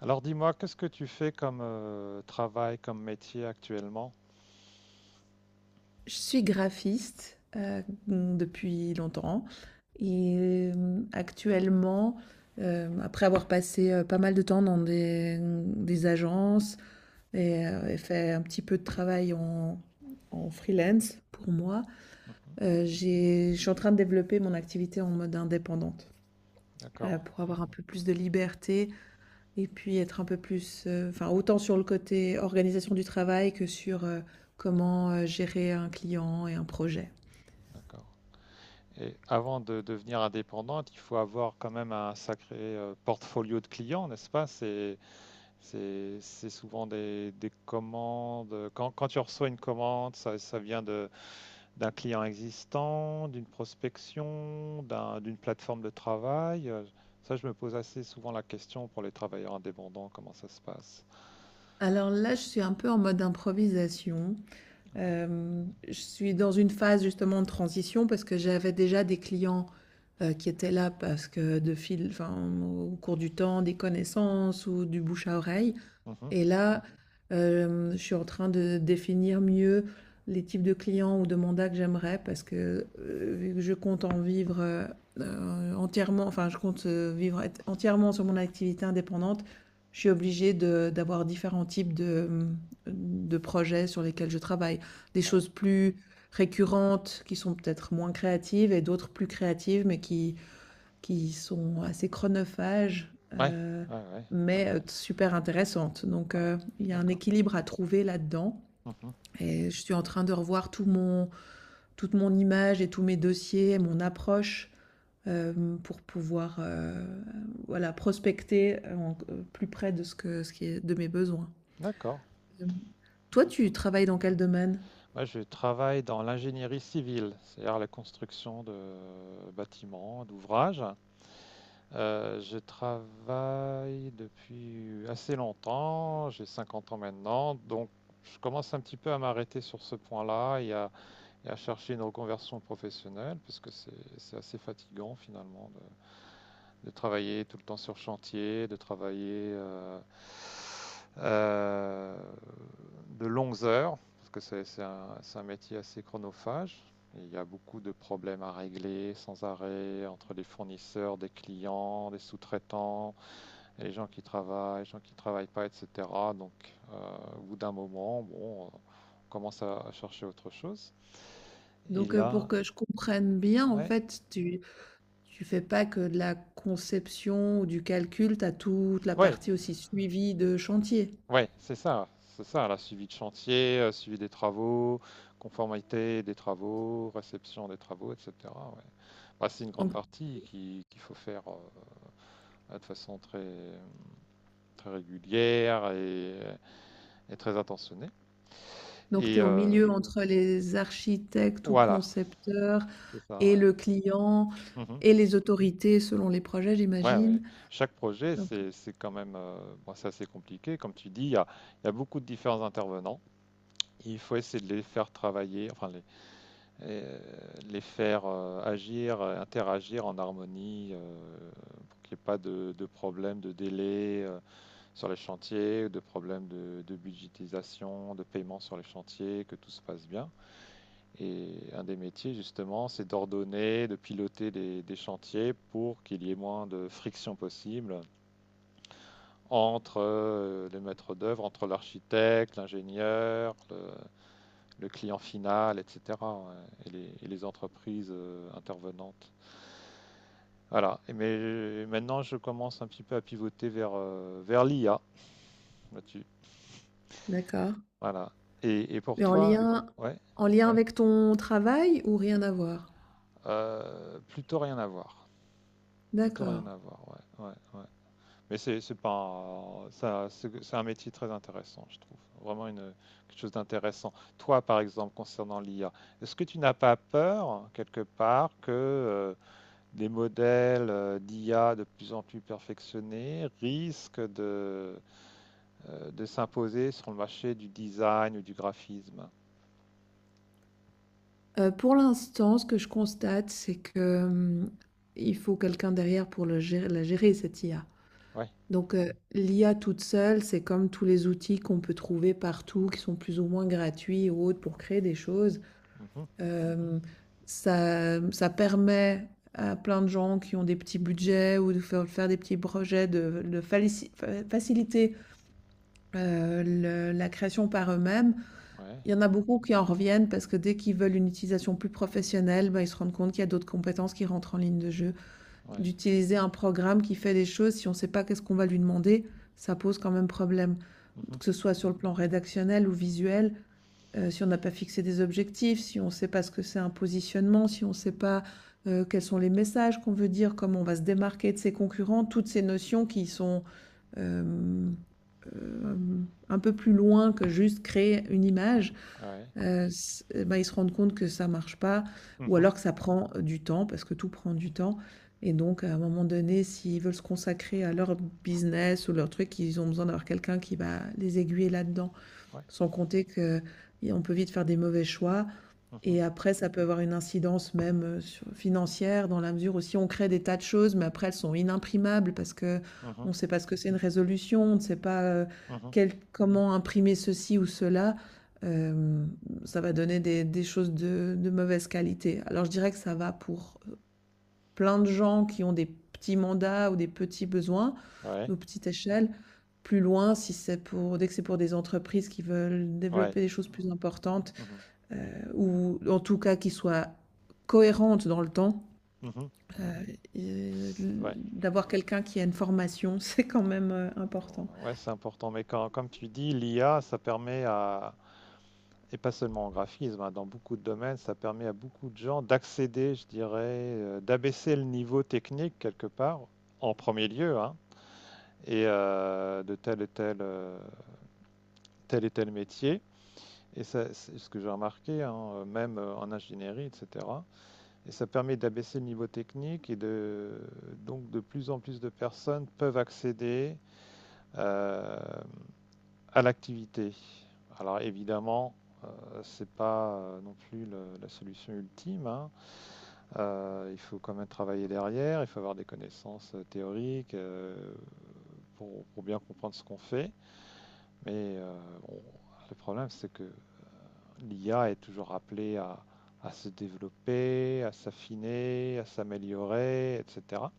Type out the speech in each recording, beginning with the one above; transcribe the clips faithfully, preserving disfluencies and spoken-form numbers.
Alors dis-moi, qu'est-ce que tu fais comme euh, travail, comme métier actuellement? Je suis graphiste euh, depuis longtemps et euh, actuellement, euh, après avoir passé euh, pas mal de temps dans des, des agences et, euh, et fait un petit peu de travail en, en freelance pour moi, Mhm. euh, j'ai- je suis en train de développer mon activité en mode indépendante D'accord, euh, pour avoir un peu plus de liberté et puis être un peu plus, euh, enfin autant sur le côté organisation du travail que sur euh, comment euh, gérer un client et un projet. d'accord. Et avant de devenir indépendante, il faut avoir quand même un sacré euh, portfolio de clients, n'est-ce pas? C'est, c'est, c'est souvent des, des commandes. Quand, quand tu reçois une commande, ça, ça vient de, d'un client existant, d'une prospection, d'un- d'une plateforme de travail. Euh, Ça, je me pose assez souvent la question pour les travailleurs indépendants, comment ça se passe? Alors là, je suis un peu en mode improvisation. Hem, je suis dans une phase justement de transition parce que j'avais déjà des clients, heu, qui étaient là parce que de fil enfin, au cours du temps, des connaissances ou du bouche à oreille. Mhm. Et là, euh, je suis en train de définir mieux les types de clients ou de mandats que j'aimerais parce que euh, vu que je compte en vivre euh, euh, entièrement, enfin, je compte euh, vivre être entièrement sur mon activité indépendante, je suis obligée de- d'avoir différents types de, de projets sur lesquels je travaille. Des Ouais. choses plus récurrentes qui sont peut-être moins créatives et d'autres plus créatives mais qui qui sont assez chronophages, Ouais. heu, Ouais, ouais. mais euh, super intéressantes. Donc Voilà, heu, il y a un d'accord. équilibre à trouver là-dedans Mhm. et je suis en train de revoir tout mon toute mon image et tous mes dossiers, mon approche, hem, pour pouvoir, heu, voilà, prospecter en q plus près de ce que ce qui est de mes besoins. D'accord. Hem, toi, tu travailles dans quel domaine? Moi, je travaille dans l'ingénierie civile, c'est-à-dire la construction de bâtiments, d'ouvrages. Euh, je travaille depuis assez longtemps, j'ai cinquante ans maintenant, donc je commence un petit peu à m'arrêter sur ce point-là et à, et à chercher une reconversion professionnelle, parce que c'est c'est assez fatigant finalement de travailler tout le temps sur chantier, de travailler euh, euh, de longues heures, parce que c'est- c'est un, c'est un métier assez chronophage. Et il y a beaucoup de problèmes à régler sans arrêt entre les fournisseurs, des clients, des sous-traitants, les gens qui travaillent, les gens qui ne travaillent pas, et cetera. Donc, euh, au bout d'un moment, bon, on commence à, à chercher autre chose. Et Donc heu, pour là, que je comprenne bien, en ouais, fait, tu tu fais pas que de la conception ou du calcul, tu as toute la ouais, partie aussi suivie de chantier. Ouais, c'est ça, c'est ça, la suivi de chantier, euh, suivi des travaux, conformité des travaux, réception des travaux, et cetera Ouais. Bah, c'est une grande Donc, partie qui- qu'il faut faire euh, de façon très, très régulière et, et très attentionnée. donc tu Et es au euh, milieu entre les architectes ou voilà, concepteurs c'est ça, et ouais. le client Mhm. et les autorités selon les projets, Ouais, ouais. j'imagine. Chaque projet, Donc, c'est, c'est quand même euh, bon, c'est assez compliqué. Comme tu dis, il y a, il y a beaucoup de différents intervenants. Il faut essayer de les faire travailler, enfin et euh, les faire euh, agir, euh, interagir en harmonie, euh, pour qu'il n'y ait pas de, de problème de délai euh, sur les chantiers, de problème de, de budgétisation, de paiement sur les chantiers, que tout se passe bien. Et un des métiers, justement, c'est d'ordonner, de piloter des, des chantiers pour qu'il y ait moins de friction possible entre euh, les maîtres d'œuvre, entre l'architecte, l'ingénieur, le- le client final, et cetera et, les, et les entreprises euh, intervenantes. Voilà. Mais maintenant, je commence un petit peu à pivoter vers, euh, vers l'I A là-dessus. D'accord. Voilà. Et, et, pour Mais en toi, lien, ouais, en lien, ouais, avec ton travail ou rien à voir? euh, plutôt rien à voir. Plutôt rien D'accord. à voir, ouais, ouais, ouais. Mais c'est pas un, ça, c'est un métier très intéressant, je trouve. Vraiment une, quelque chose d'intéressant. Toi, par exemple, concernant l'I A, est-ce que tu n'as pas peur, quelque part, que euh, les modèles euh, d'I A de plus en plus perfectionnés risquent de, euh, de s'imposer sur le marché du design ou du graphisme. Euh, pour l'instant, ce que je constate, c'est que hum, il faut quelqu'un derrière pour le gérer- la gérer, cette I A. Ouais. Donc, heu, l'I A toute seule, c'est comme tous les outils qu'on peut trouver partout, qui sont plus ou moins gratuits ou autres pour créer des choses. Mhm. Hem, ça ça permet à plein de gens qui ont des petits budgets ou de faire faire des petits projets de de falici fa faciliter, heu, le la création par eux-mêmes. Ouais. Il y en a beaucoup qui en reviennent parce que dès qu'ils veulent une utilisation plus professionnelle, bah, ils se rendent compte qu'il y a d'autres compétences qui rentrent en ligne de jeu Ouais. d'utiliser un programme qui fait des choses si on ne sait pas qu'est-ce qu'on va lui demander, ça pose quand même problème. Mhm. Que ce soit sur le plan rédactionnel ou visuel, euh, si on n'a pas fixé des objectifs, si on ne sait pas ce que c'est un positionnement, si on ne sait pas euh, quels sont les messages qu'on veut dire, comment on va se démarquer de ses concurrents, toutes ces notions qui sont euh, euh, un peu plus loin que juste créer une image, Ouais. heu, s bah, ils se rendent compte que ça marche pas ou Mhm. alors que ça prend du temps parce que tout prend du temps et donc à un moment donné, s'ils veulent se consacrer à leur business ou leur truc, ils ont besoin d'avoir quelqu'un qui va les aiguiller là-dedans. Ouais. Sans compter qu'on peut vite faire des mauvais choix Mhm. et après, ça peut avoir une incidence même euh, sur- financière, dans la mesure où si on crée des tas de choses, mais après elles sont inimprimables parce que on Mhm. ne sait pas ce que c'est une résolution, on ne sait pas euh, Mhm. quel- comment imprimer ceci ou cela, euh, ça va donner des, des choses de, de mauvaise qualité. Alors je dirais que ça va pour euh, plein de gens qui ont des petits mandats ou des petits besoins, Ouais. ou petite échelle. Plus loin, si c'est pour, dès que c'est pour des entreprises qui veulent Ouais. développer des choses plus importantes, Mhm. heu, ou en tout cas qui soit cohérente dans le temps. Mhm. Heu, C'est- Ouais, d'avoir quelqu'un qui a une formation, c'est quand même, heu, important. ouais, c'est important. Mais quand, comme tu dis, l'I A, ça permet à, et pas seulement en graphisme, hein, dans beaucoup de domaines, ça permet à beaucoup de gens d'accéder, je dirais, euh, d'abaisser le niveau technique quelque part, en premier lieu, hein, et euh, de tel et tel, euh, tel et tel métier. Et ça, c'est ce que j'ai remarqué, hein, même euh, en ingénierie, et cetera. Et ça permet d'abaisser le niveau technique, et de, donc de plus en plus de personnes peuvent accéder euh, à l'activité. Alors évidemment, ce n'est pas euh, non plus le- la solution ultime, hein. Euh, il faut quand même travailler derrière, il faut avoir des connaissances euh, théoriques euh, pour, pour bien comprendre ce qu'on fait. Mais euh, on- le problème, c'est que l'I A est toujours appelée à, à se développer, à s'affiner, à s'améliorer, et cetera.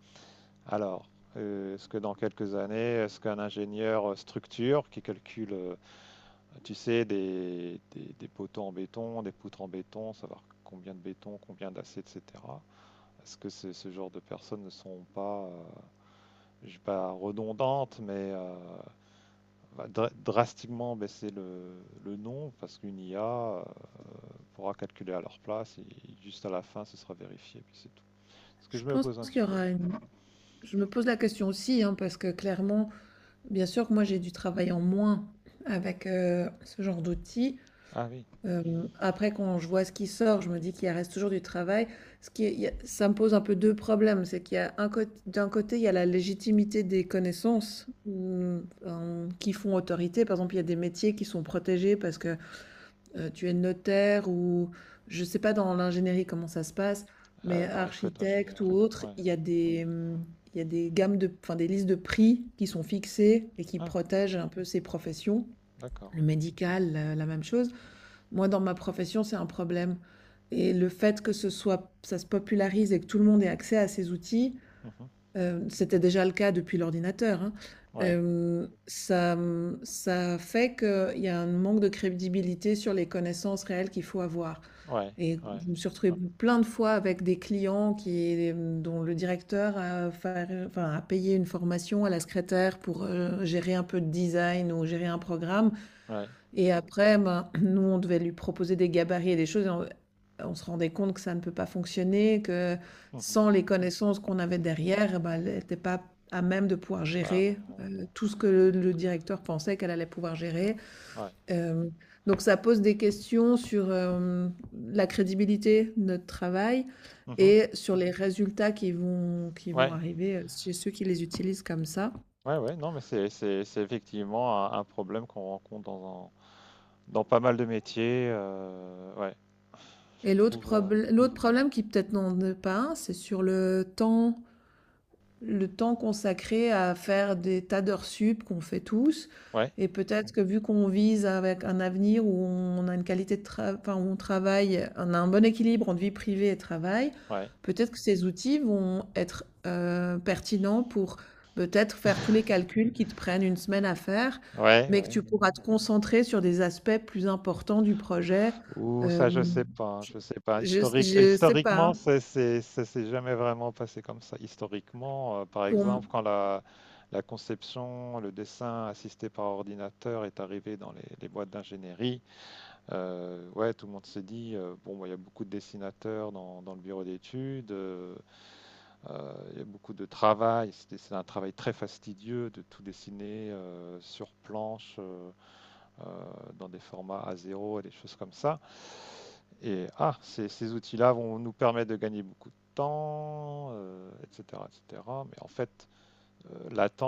Alors, euh, est-ce que dans quelques années, est-ce qu'un ingénieur euh, structure qui calcule, euh, tu sais, des, des, des poteaux en béton, des poutres en béton, savoir combien de béton, combien d'acier, et cetera. Parce que ce ce genre de personnes ne sont pas, euh, je dis pas redondantes, mais euh, va dra- drastiquement baisser le, le nom parce qu'une I A euh, pourra calculer à leur place et juste à la fin ce sera vérifié, puis c'est tout. est Ce que Je je me pense pose un qu'il petit y peu. aura une Je me pose la question aussi, hein, parce que clairement, bien sûr que moi j'ai dû travailler en moins avec, heu, ce genre d'outils. Ah oui. Hem, après quand je vois ce qui sort, je me dis qu'il reste toujours du travail. Ce qui est il y a Ça me pose un peu deux problèmes, c'est qu'il y a un côt d'un côté, il y a la légitimité des connaissances, mmh, hem, qui font autorité. Par exemple, il y a des métiers qui sont protégés parce que, heu, tu es notaire ou je ne sais pas dans l'ingénierie comment ça se passe, mais Euh, non, il faut être architecte ingénieur. ou autre, Ouais. il y a des, mmh, il y a des gammes de enfin des listes de prix qui sont fixées et qui Ah, protègent un peu ces professions. d'accord. Le médical, heu, la même chose. Moi, dans ma profession, c'est un problème et le fait que ce soit ça se popularise et que tout le monde ait accès à ces outils, Mhm. heu, c'était déjà le cas depuis l'ordinateur, hein, Ouais, hem, ça, mmh, ça fait qu'il y a un manque de crédibilité sur les connaissances réelles qu'il faut avoir ouais, et ouais, je me suis retrouvée, ouais, plein de fois avec des clients qui, mmh, dont le directeur a faire, enfin, a payé une formation à la secrétaire pour, heu, gérer un peu de design ou gérer un programme ouais. et après, ben, nous, on devait lui proposer des gabarits et des choses. Et on, on se rendait compte que ça ne peut pas fonctionner, que Mhm. sans les connaissances qu'on avait derrière, eh ben, elle n'était pas à même de pouvoir Bah non, gérer non, euh, non. tout ce que le, le directeur pensait qu'elle allait pouvoir gérer. Ouais. Euh, donc ça pose des questions sur euh, la crédibilité de notre travail Mhm. et sur les résultats qui vont, qui vont Ouais, arriver euh, chez ceux qui les utilisent comme ça. ouais, ouais, non, mais c'est c'est- c'est effectivement un, un problème qu'on rencontre dans un dans pas mal de métiers. Euh, ouais, je Et l'autre trouve. euh, probl- l'autre problème qui peut-être n'en est pas un, c'est sur le temps. Le temps consacré à faire des tas d'heures sup qu'on fait tous. Ouais, Et peut-être que vu qu'on vise avec un avenir où on a une qualité de travail, enfin, où on travaille, on a un bon équilibre entre vie privée et travail, ouais. peut-être que ces outils vont être euh, pertinents pour peut-être faire tous les calculs qui te prennent une semaine à faire, Ouais, mais que ouais. tu pourras te concentrer sur des aspects plus importants du projet. Ou Euh, ça, je sais pas, hein. Je sais pas. je, Historique, euh, je sais pas, Historiquement, hein. c'est, c'est, ça s'est jamais vraiment passé comme ça. Historiquement, euh, par Pour... exemple, m- quand la, la conception, le dessin assisté par ordinateur est arrivé dans les, les boîtes d'ingénierie, euh, ouais, tout le monde s'est dit, euh, bon, bah, il y a beaucoup de dessinateurs dans, dans le bureau d'études. Euh, Euh, il y a beaucoup de travail, c'était- c'est un travail très fastidieux de tout dessiner euh, sur planche, euh, euh, dans des formats A zéro et des choses comme ça. Et ah, ces, ces outils-là vont nous permettre de gagner beaucoup de temps, euh, et cetera, et cetera. Mais en fait, euh,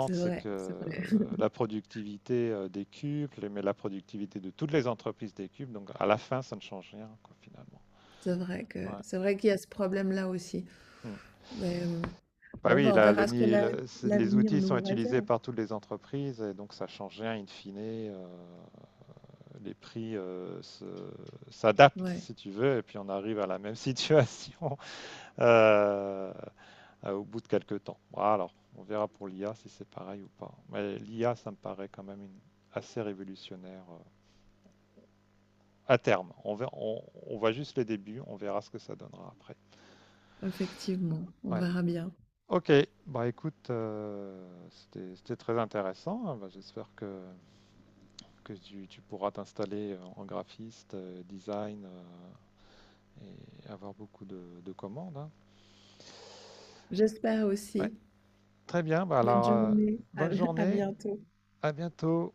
C'est c'est vrai, que c'est vrai. la productivité euh, des décuple, mais la productivité de toutes les entreprises décuple. Donc, à la fin, ça ne change rien, quoi, finalement. C'est vrai que Ouais. c'est vrai qu'il y a ce problème-là aussi. Hmm. Mais, hem, Bah bon, oui, bah, on là, le verra ce que ni- la le- c'est- les l'avenir outils sont nous utilisés réserve. par toutes les entreprises et donc ça change rien in fine. Euh, les prix euh, se- s'adaptent Ouais, si tu veux et puis on arrive à la même situation euh, euh, au bout de quelques temps. Bon, alors, on verra pour l'I A si c'est pareil ou pas. Mais l'I A, ça me paraît quand même une- assez révolutionnaire euh, à terme. On ver- on, on voit juste le début, on verra ce que ça donnera après. effectivement, on Ouais. verra bien. OK, bah écoute, euh, c'était c'était très intéressant. Bah, j'espère que que tu, tu pourras t'installer euh, en graphiste, euh, design, euh, et avoir beaucoup de, de commandes. Hein. J'espère Ouais, aussi. très bien. Bah Bonne alors, euh, journée, à bonne à journée. bientôt. À bientôt.